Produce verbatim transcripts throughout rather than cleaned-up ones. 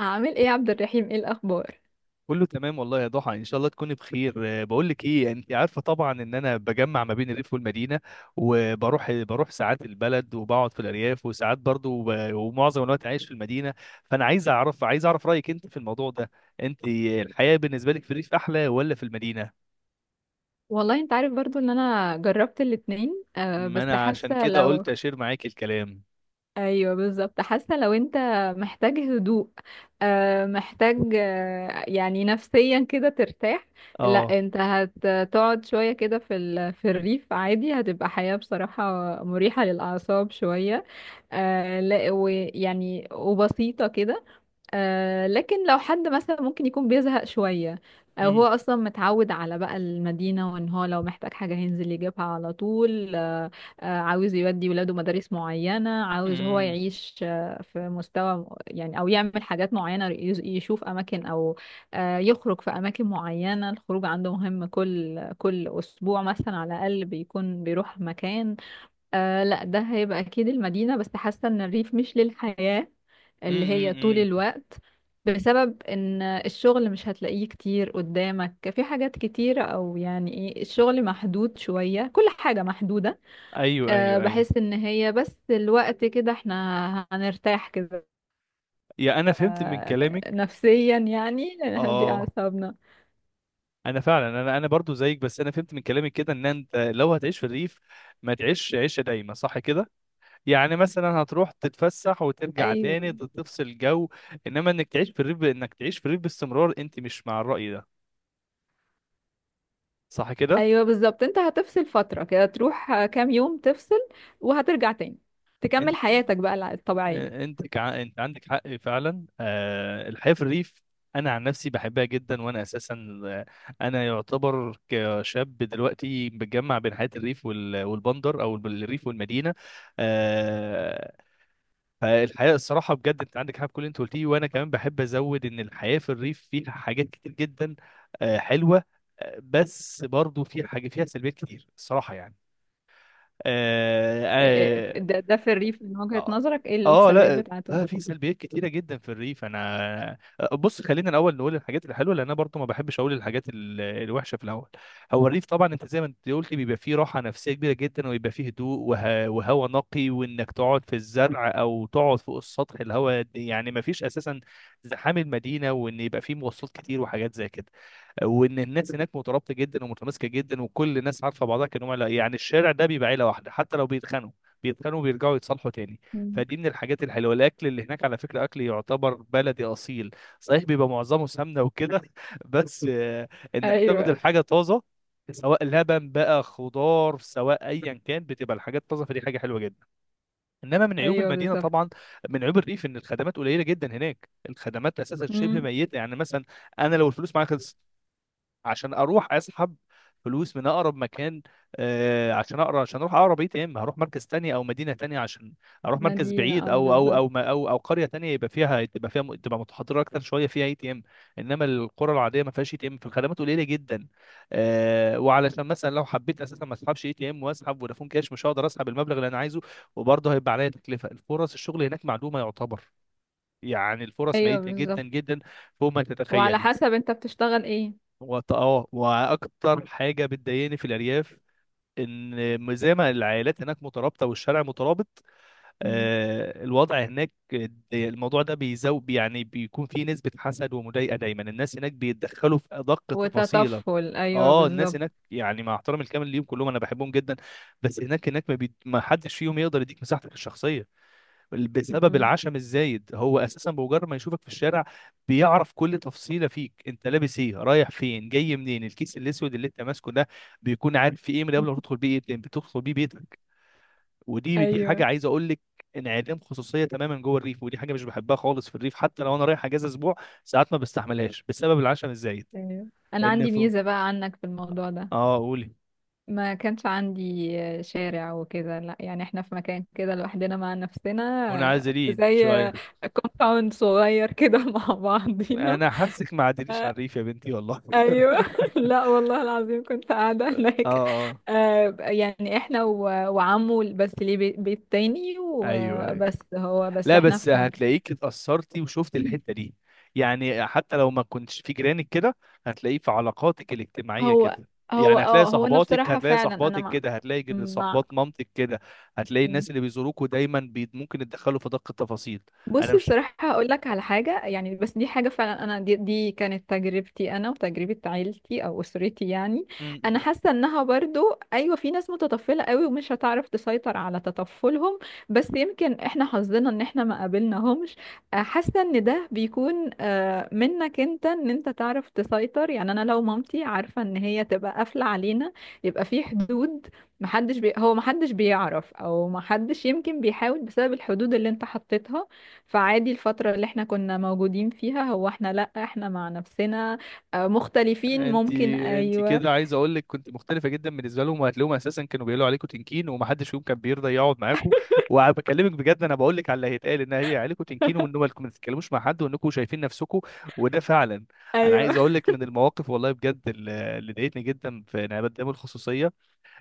عامل ايه يا عبد الرحيم؟ ايه الاخبار؟ كله تمام والله يا ضحى، ان شاء الله تكوني بخير. آه، بقول لك ايه، انت عارفه طبعا ان انا بجمع ما بين الريف والمدينه، وبروح بروح ساعات البلد وبقعد في الارياف، وساعات برضو ب- ومعظم الوقت عايش في المدينه. فانا عايز اعرف، عايز اعرف رايك انت في الموضوع ده. انت الحياه بالنسبه لك في الريف احلى ولا في المدينه؟ والله انت عارف برضو ان انا جربت الاتنين، آه ما بس انا عشان حاسه كده لو قلت اشير معاك الكلام. ايوه بالظبط، حاسه لو انت محتاج هدوء، آه محتاج، آه يعني نفسيا كده ترتاح. لا اه. انت هتقعد شويه كده في ال... في الريف عادي، هتبقى حياه بصراحه مريحه للاعصاب شويه. آه لا ويعني وبسيطه كده. آه لكن لو حد مثلا ممكن يكون بيزهق شوية، أو هو امم أصلا متعود على بقى المدينة، وإن هو لو محتاج حاجة هينزل يجيبها على طول. آه آه عاوز يودي ولاده مدارس معينة، عاوز هو امم يعيش آه في مستوى م- يعني، أو يعمل حاجات معينة، يز- يشوف أماكن أو آه يخرج في أماكن معينة. الخروج عنده مهم، كل كل أسبوع مثلا على الأقل بيكون بيروح مكان. آه لا ده هيبقى اكيد المدينة. بس حاسة ان الريف مش للحياة اللي هي امم طول أمم. الوقت، بسبب ان الشغل مش هتلاقيه كتير قدامك في حاجات كتيرة، او يعني ايه، الشغل محدود شوية، كل حاجة محدودة. ايوه أه ايوه بحس ايوه. ان هي بس الوقت كده احنا هنرتاح كده، يا انا فهمت من كلامك. نفسيا يعني، نهدي اه، اعصابنا. انا فعلا انا انا برضو زيك، بس انا فهمت من كلامك كده ان انت لو هتعيش في الريف ما تعيش عيشه دايمه، صح كده؟ يعني مثلا هتروح تتفسح وترجع تاني ايوه تفصل جو، انما انك تعيش في الريف، انك تعيش في الريف باستمرار انت مش مع الرأي ده، صح كده؟ ايوه بالظبط، انت هتفصل فترة كده، تروح كام يوم تفصل وهترجع تاني انت تكمل حياتك بقى الع- الطبيعية. انت كع... انت عندك حق فعلا. آه الحياه في الريف انا عن نفسي بحبها جدا، وانا اساسا، آه، انا يعتبر كشاب دلوقتي بتجمع بين حياه الريف وال... والبندر او الريف والمدينه. آه، فالحياة الصراحة بجد انت عندك حاجة في كل اللي انت قلتيه، وانا كمان بحب ازود ان الحياة في الريف فيها حاجات كتير جدا، آه، حلوة. آه، بس برضو فيها حاجة، فيها سلبيات كتير الصراحة يعني. آه، إيه- آه، ده ده في الريف من وجهة اه. نظرك، ايه اه، السلبيات لا. بتاعته؟ لا، في سلبيات كتيره جدا في الريف. انا بص، خلينا الاول نقول الحاجات الحلوه، لان انا برضو ما بحبش اقول الحاجات ال- الوحشه في الاول. هو الريف طبعا، انت زي ما انت قلت، بيبقى فيه راحه نفسيه كبيره جدا، ويبقى فيه هدوء وه... وهواء نقي، وانك تقعد في الزرع او تقعد فوق السطح، الهواء يعني ما فيش اساسا زحام المدينه، وان يبقى فيه مواصلات كتير وحاجات زي كده، وان الناس هناك مترابطه جدا ومتماسكه جدا، وكل الناس عارفه بعضها كانهم عيله، يعني الشارع ده بيبقى عيله واحده، حتى لو بيتخانقوا بيتخانقوا وبيرجعوا يتصالحوا تاني. مم. فدي من الحاجات الحلوه. الاكل اللي هناك على فكره اكل يعتبر بلدي اصيل صحيح، بيبقى معظمه سمنه وكده بس آه، انك تاخد ايوه، الحاجه طازه، سواء لبن بقى، خضار، سواء ايا كان، بتبقى الحاجات طازه، فدي حاجه حلوه جدا. انما من عيوب ايوه المدينه بالظبط. طبعا، من عيوب الريف ان الخدمات قليله جدا هناك، الخدمات اساسا شبه مم. ميته، يعني مثلا انا لو الفلوس معايا خلصت، عشان اروح اسحب فلوس من اقرب مكان، آه، عشان اقرا عشان اروح اقرب اي تي ام هروح مركز تاني او مدينه تانية، عشان اروح مركز مدينة، بعيد، اه او او بالظبط. او ما- او او قريه تانية يبقى فيها تبقى فيها تبقى متحضره اكتر شويه فيها اي تي ام. انما القرى العاديه ما فيهاش اي تي ام، فالخدمات قليله جدا. آه، وعلشان مثلا لو حبيت اساسا ما اسحبش اي تي ام واسحب فودافون كاش مش هقدر اسحب المبلغ اللي انا عايزه، وبرضه هيبقى عليا تكلفه. الفرص الشغل هناك معدومه يعتبر، يعني الفرص ايوه ميتة جدا بالظبط. جدا، فوق ما وعلى تتخيلي. حسب انت بتشتغل ايه؟ وط- اه واكتر حاجه بتضايقني في الارياف ان م- زي ما العائلات هناك مترابطه والشارع مترابط، مم. آه، الوضع هناك دي- الموضوع ده بيزو يعني بيكون فيه نسبه حسد ومضايقه، دايما الناس هناك بيتدخلوا في ادق تفاصيلك. وتطفل، ايوه اه الناس بالظبط. هناك، يعني مع احترامي الكامل ليهم كلهم انا بحبهم جدا، بس هناك هناك ما, بي... ما حدش فيهم يقدر يديك مساحتك الشخصيه، بسبب مم. العشم الزايد. هو اساسا بمجرد ما يشوفك في الشارع بيعرف كل تفصيله فيك، انت لابس ايه، رايح فين، جاي منين، الكيس الاسود اللي انت ماسكه ده بيكون عارف فيه ايه من قبل ما تدخل بيه، ايه بتدخل بيه بيتك. ودي دي ايوه، حاجه عايز اقول لك، انعدام خصوصيه تماما جوه الريف، ودي حاجه مش بحبها خالص في الريف. حتى لو انا رايح اجازه اسبوع ساعات ما بستحملهاش بسبب العشم الزايد. ايوه. انا ان عندي ف... ميزة بقى عنك في الموضوع ده. اه قولي. ما كانش عندي شارع وكده، لا يعني احنا في مكان كده لوحدنا مع نفسنا، منعزلين زي شويه. كومباوند صغير كده مع بعضينا. انا حاسك ما عدليش على الريف يا بنتي والله. ايوه لا والله العظيم كنت قاعده اه. هناك. اه. آه يعني احنا و... وعمه بس ليه بي- بيت تاني، ايوه أيوه. وبس هو بس لا احنا بس في مكان. هتلاقيك اتأثرتي وشفت الحتة دي، يعني حتى لو ما كنتش في جيرانك كده، هتلاقيه في علاقاتك الاجتماعية هو كده. هو يعني هتلاقي اه هو انا صحباتك بصراحه هتلاقي فعلا، انا صحباتك مع كده، هتلاقي جد- مع صحبات مامتك كده، هتلاقي الناس اللي بيزوروكوا دايما بي ممكن يتدخلوا في دقة التفاصيل. انا بص مش بصراحة هقول لك على حاجة يعني، بس دي حاجة فعلا. أنا دي, دي كانت تجربتي أنا وتجربة عيلتي أو أسرتي يعني. م- أنا م. حاسة إنها برضو أيوة، في ناس متطفلة قوي ومش هتعرف تسيطر على تطفلهم، بس يمكن إحنا حظنا إن إحنا ما قابلناهمش. آه، حاسة إن ده بيكون آه، منك أنت، إن أنت تعرف تسيطر. يعني أنا لو مامتي عارفة إن هي تبقى قافلة علينا، يبقى في حدود. محدش بي... هو محدش بيعرف، أو محدش يمكن بيحاول بسبب الحدود اللي أنت حطيتها. فعادي الفترة اللي احنا كنا موجودين فيها، هو احنا لأ، احنا مع نفسنا. آه، مختلفين انت، ممكن، انت ايوه. كده عايز اقول لك، كنت مختلفه جدا بالنسبه لهم، وهتلاقيهم اساسا كانوا بيقولوا عليكم تنكين ومحدش فيهم كان بيرضى يقعد معاكم. وبكلمك بجد انا بقول لك على اللي هيتقال، ان هي- عليكم تنكين، وان هو انكم ما تتكلموش مع حد، وانكم شايفين نفسكم. وده فعلا. انا عايز ايوه. اقول لك من المواقف والله بجد اللي اللي ضايقتني جدا في انعدام الخصوصيه،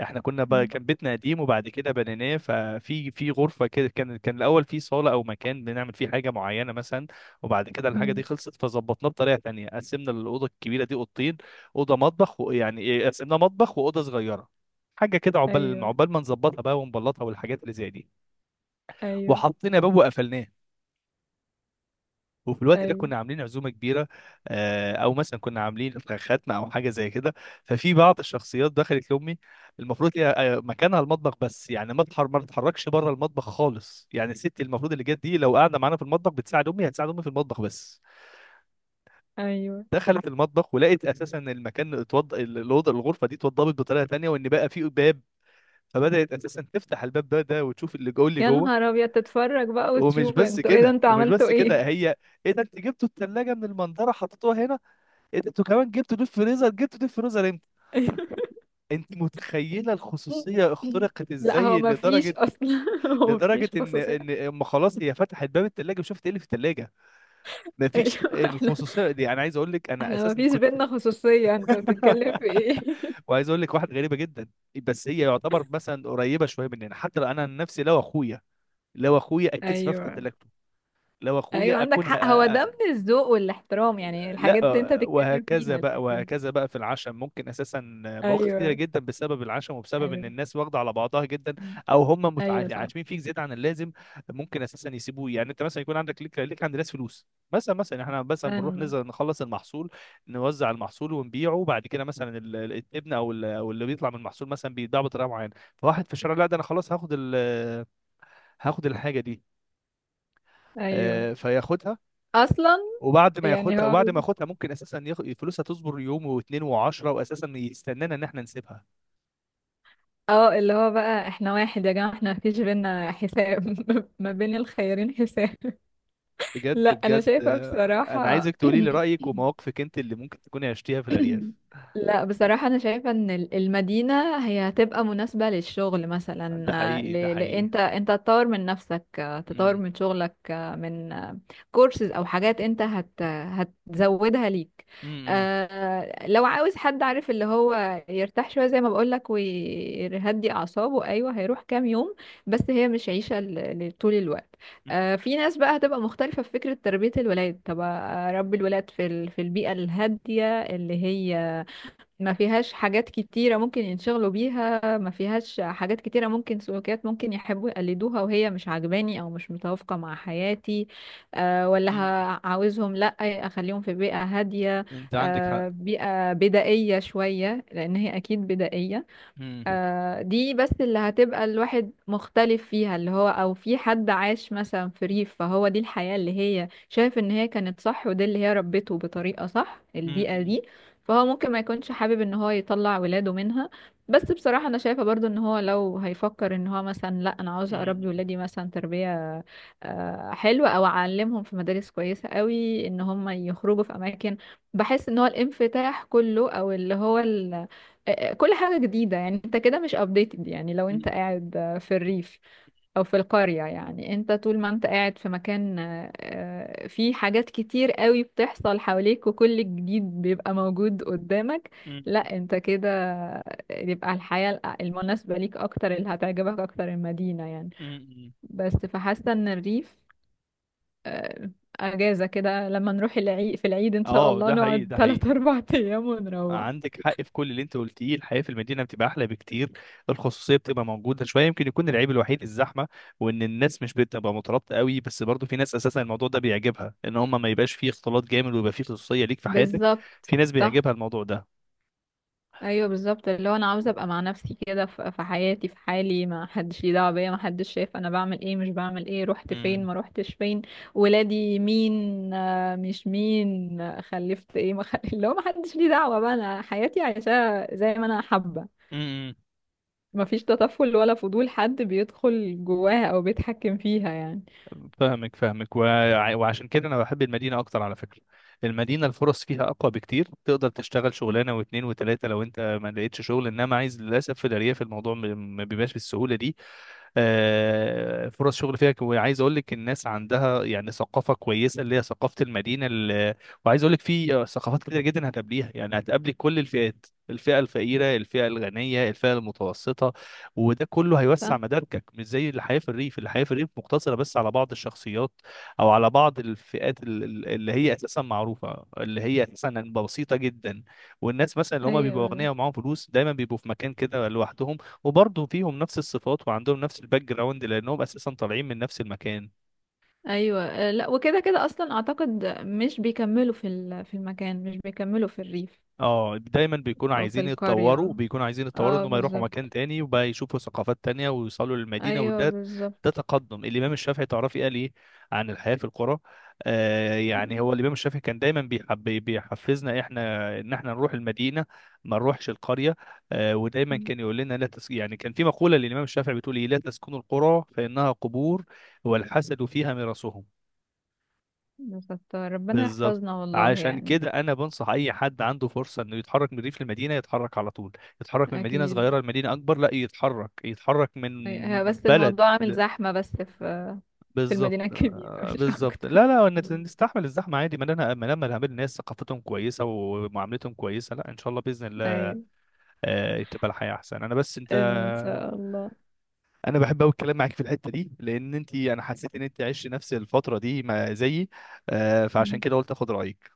احنا كنا بقى كان بيتنا قديم وبعد كده بنيناه. ففي في غرفه كده كان كان الاول في صاله او مكان بنعمل فيه حاجه معينه مثلا، وبعد كده الحاجه دي مم. خلصت فظبطناه بطريقه تانية، قسمنا الاوضه الكبيره دي اوضتين، اوضه مطبخ ويعني ايه، قسمناه مطبخ واوضه صغيره، حاجه كده عقبال ايوه، عقبال ما نظبطها بقى ونبلطها والحاجات اللي زي دي، ايوه، وحطينا باب وقفلناه. وفي الوقت ده ايوه، كنا عاملين عزومه كبيره، آه، او مثلا كنا عاملين ختمه او حاجه زي كده. ففي بعض الشخصيات دخلت لامي، المفروض هي آه، مكانها المطبخ بس، يعني ما تحر ما تتحركش بره المطبخ خالص. يعني الست المفروض اللي جت دي لو قاعده معانا في المطبخ بتساعد امي، هتساعد امي في المطبخ بس. ايوه. دخلت المطبخ ولقيت اساسا المكان اتوض الاوضه الغرفه دي اتوضبت بطريقه تانية، وان بقى في باب، فبدات اساسا تفتح الباب ده ده وتشوف اللي جوه اللي يا جوه نهار ابيض، تتفرج بقى ومش وتشوف؟ بس انتوا ايه ده؟ كده انتوا ومش عملتوا بس كده، ايه؟ هي، ايه ده، انت جبتوا الثلاجه من المنظره حطيتوها هنا؟ إيه ده؟ انتوا كمان جبتوا ديب فريزر؟ جبتوا ديب فريزر امتى؟ انت متخيله الخصوصيه اخترقت لا هو ازاي؟ ما فيش لدرجه، اصلا، هو ما لدرجه فيش ان خصوصية. ان اما خلاص هي فتحت باب الثلاجه وشافت ايه اللي في الثلاجه. مفيش ايوه احنا الخصوصيه دي. انا عايز اقول لك انا احنا ما اساسا فيش كنت بينا خصوصية، انت بتتكلم في ايه؟ وعايز اقول لك واحده غريبه جدا، بس هي يعتبر مثلا قريبه شويه مننا. حتى لو انا عن نفسي، لو اخويا لو اخويا اتكسف افتح ايوه، تلاجته، لو ايوه، اخويا عندك اكون حق. هو ه... ده من الذوق والاحترام يعني، الحاجات دي انت لا. بتتكلم وهكذا فيها، بقى لكن وهكذا بقى في العشم، ممكن اساسا مواقف كتيره ايوه، جدا بسبب العشم وبسبب ان ايوه. الناس واخده على بعضها جدا، مم. او هم متع- ايوه صح. عاشمين فيك زياده عن اللازم. ممكن اساسا يسيبوه، يعني انت مثلا يكون عندك ليك ليك عند ناس فلوس مثلا. مثلا احنا مثلا بنروح انا نزل نخلص المحصول، نوزع المحصول ونبيعه بعد كده. مثلا ال- ال- الابن او ال- او اللي بيطلع من المحصول مثلا بيتباع بطريقه معينه، فواحد في الشارع، لا ده انا خلاص هاخد ال- هاخد الحاجه دي، ايوه آه، فياخدها. اصلا وبعد ما يعني، ياخدها هو وبعد ما ياخدها ممكن اساسا ياخ- فلوسها تصبر يوم واتنين وعشرة، واساسا يستنانا ان احنا نسيبها. اه اللي هو بقى احنا واحد يا جماعه، احنا مفيش بينا حساب. ما بين الخيرين حساب. لا بجد انا بجد شايفه آه، انا بصراحه. عايزك تقولي لي رايك ومواقفك انت اللي ممكن تكوني عشتيها في الارياف. لا بصراحة أنا شايفة إن ال- المدينة هي هتبقى مناسبة للشغل مثلا. ده آه، حقيقي ده ل... ل... حقيقي. أنت أنت تطور من نفسك، آه، تطور امم من شغلك، آه، من كورسز أو حاجات أنت هت... هتزودها ليك. امم آه، لو عاوز حد عارف اللي هو يرتاح شوية زي ما بقولك ويهدي أعصابه، أيوه هيروح كام يوم، بس هي مش عيشة ل... لطول الوقت. آه، في ناس بقى هتبقى مختلفة في فكرة تربية الولاد، طب آه، أربي الولاد في ال... في البيئة الهادية اللي هي ما فيهاش حاجات كتيرة ممكن ينشغلوا بيها، ما فيهاش حاجات كتيرة ممكن سلوكيات ممكن يحبوا يقلدوها وهي مش عاجباني أو مش متوافقة مع حياتي. أه ولا أمم. ه- عاوزهم لأ، أخليهم في بيئة هادية. انت عندك حق. أه بيئة بدائية شوية، لأن هي أكيد بدائية. امم آه دي بس اللي هتبقى الواحد مختلف فيها، اللي هو او في حد عاش مثلا في ريف، فهو دي الحياة اللي هي شايف ان هي كانت صح، ودي اللي هي ربته بطريقة صح، البيئة أمم. دي. فهو ممكن ما يكونش حابب ان هو يطلع ولاده منها. بس بصراحة انا شايفة برضو ان هو لو هيفكر ان هو مثلا، لا انا عاوز اربي أمم. ولادي مثلا تربية آه حلوة، او اعلمهم في مدارس كويسة قوي، ان هم يخرجوا في اماكن. بحس ان هو الانفتاح كله او اللي هو، آه، آه، كل حاجة جديدة، يعني انت كده مش updated، يعني لو أمم. انت قاعد آه، في الريف او في القرية، يعني انت طول ما انت قاعد في مكان آه، آه، فيه حاجات كتير قوي بتحصل حواليك وكل جديد بيبقى موجود قدامك. أمم. لا انت كده يبقى الحياة الأ- المناسبة ليك اكتر، اللي هتعجبك اكتر المدينة يعني. أمم. بس فحاسة ان الريف، آه، اجازة كده، لما نروح العيد، في العيد ان شاء اه الله ده حقيقي نقعد ده حقيقي. ثلاثة اربعة ايام ونروح. عندك حق في كل اللي انت قلتيه، الحياه في المدينه بتبقى احلى بكتير، الخصوصيه بتبقى موجوده شويه، يمكن يكون العيب الوحيد الزحمه، وان الناس مش بتبقى مترابطه قوي. بس برضو في ناس اساسا الموضوع ده بيعجبها، ان هم ما يبقاش فيه اختلاط جامد ويبقى فيه خصوصيه ليك في حياتك. بالظبط في ناس صح. بيعجبها الموضوع ده. ايوه بالظبط، اللي هو انا عاوزه ابقى مع نفسي كده ف- في حياتي، في حالي، ما حدش ليه دعوه بيا، ما حدش شايف انا بعمل ايه، مش بعمل ايه، رحت فين امم ما رحتش فين، ولادي مين، آه، مش مين، آه، خلفت ايه، ما خل... اللي هو ما حدش ليه دعوه بقى، انا حياتي عايشاها زي ما انا حابه. امم ما فيش تطفل ولا فضول حد بيدخل جواها او بيتحكم فيها يعني. فاهمك فاهمك، وع- وعشان كده انا بحب المدينه اكتر على فكره. المدينه الفرص فيها اقوى بكتير، تقدر تشتغل شغلانه واثنين وثلاثه لو انت ما لقيتش شغل، انما عايز، للاسف في الارياف الموضوع م- ما بيبقاش بالسهوله دي. آه، فرص شغل فيها ك- وعايز اقول لك الناس عندها يعني ثقافه كويسه، اللي هي ثقافه المدينه اللي، وعايز اقول لك في آه، ثقافات كتير جدا هتقابليها، يعني هتقابلي كل الفئات، الفئه الفقيره الفئه الغنيه الفئه المتوسطه، وده كله هيوسع صح. مداركك، مش زي الحياه في الريف، الحياه في الريف مقتصره بس على بعض الشخصيات او على بعض الفئات ال- ال- اللي هي اساسا معروفه، اللي هي اساسا بسيطه جدا. والناس مثلا اللي هم بيبقوا ايوه، اغنياء ومعاهم فلوس دايما بيبقوا في مكان كده لوحدهم، وبرضه فيهم نفس الصفات وعندهم نفس الباك جراوند، لانهم اساسا طالعين من نفس المكان. ايوه، آه، لا وكده كده اصلا اعتقد مش بيكملوا في ال- في المكان، مش بيكملوا في الريف اه دايما بيكونوا او في عايزين القرية. يتطوروا، بيكونوا عايزين يتطوروا اه انهم يروحوا بالظبط. مكان تاني وبقى يشوفوا ثقافات تانية ويوصلوا للمدينة، ايوه وده ده بالظبط. تقدم. الامام الشافعي تعرفي قال ايه عن الحياة في القرى؟ آه يعني هو الامام الشافعي كان دايما بيحب، بيحفزنا احنا ان احنا نروح المدينة ما نروحش القرية. آه ودايما كان يقول لنا لا تس... يعني كان في مقولة للامام الشافعي بتقول ايه: لا تسكنوا القرى فانها قبور، والحسد فيها مرسهم. بالظبط، ربنا بالظبط يحفظنا والله عشان يعني. كده انا بنصح اي حد عنده فرصه انه يتحرك من الريف للمدينه يتحرك على طول، يتحرك من مدينه اكيد. صغيره لمدينه اكبر، لا يتحرك، يتحرك من أي- هي بس بلد الموضوع عامل ل- زحمة، بس في في بالظبط. المدينة الكبيرة آه، مش بالظبط، اكتر. لا لا نت- نستحمل الزحمه عادي، ما لنا، ما لما نقابل ناس ثقافتهم كويسه ومعاملتهم كويسه، لا ان شاء الله باذن الله ايوه، آه، تبقى الحياه احسن. انا بس انت ان شاء الله. انا بحب قوي الكلام معاك في الحته دي، لان انت انا حسيت ان انت عشت نفس الفتره دي ما زيي، آه، فعشان كده قلت اخد رايك.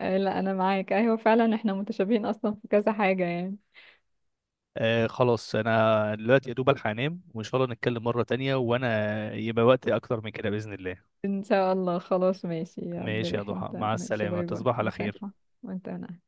آه، لا انا معاك، ايوه فعلا احنا متشابهين اصلا في كذا حاجة يعني. آه خلاص انا دلوقتي يا دوب الحق انام، وان شاء الله نتكلم مرة تانية وانا يبقى وقت اكتر من كده بإذن الله. ان شاء الله، خلاص ماشي يا عبد ماشي يا الرحيم، ضحى، تمام. مع ماشي، السلامة، باي باي، تصبح على مساك. خير. وانت أنا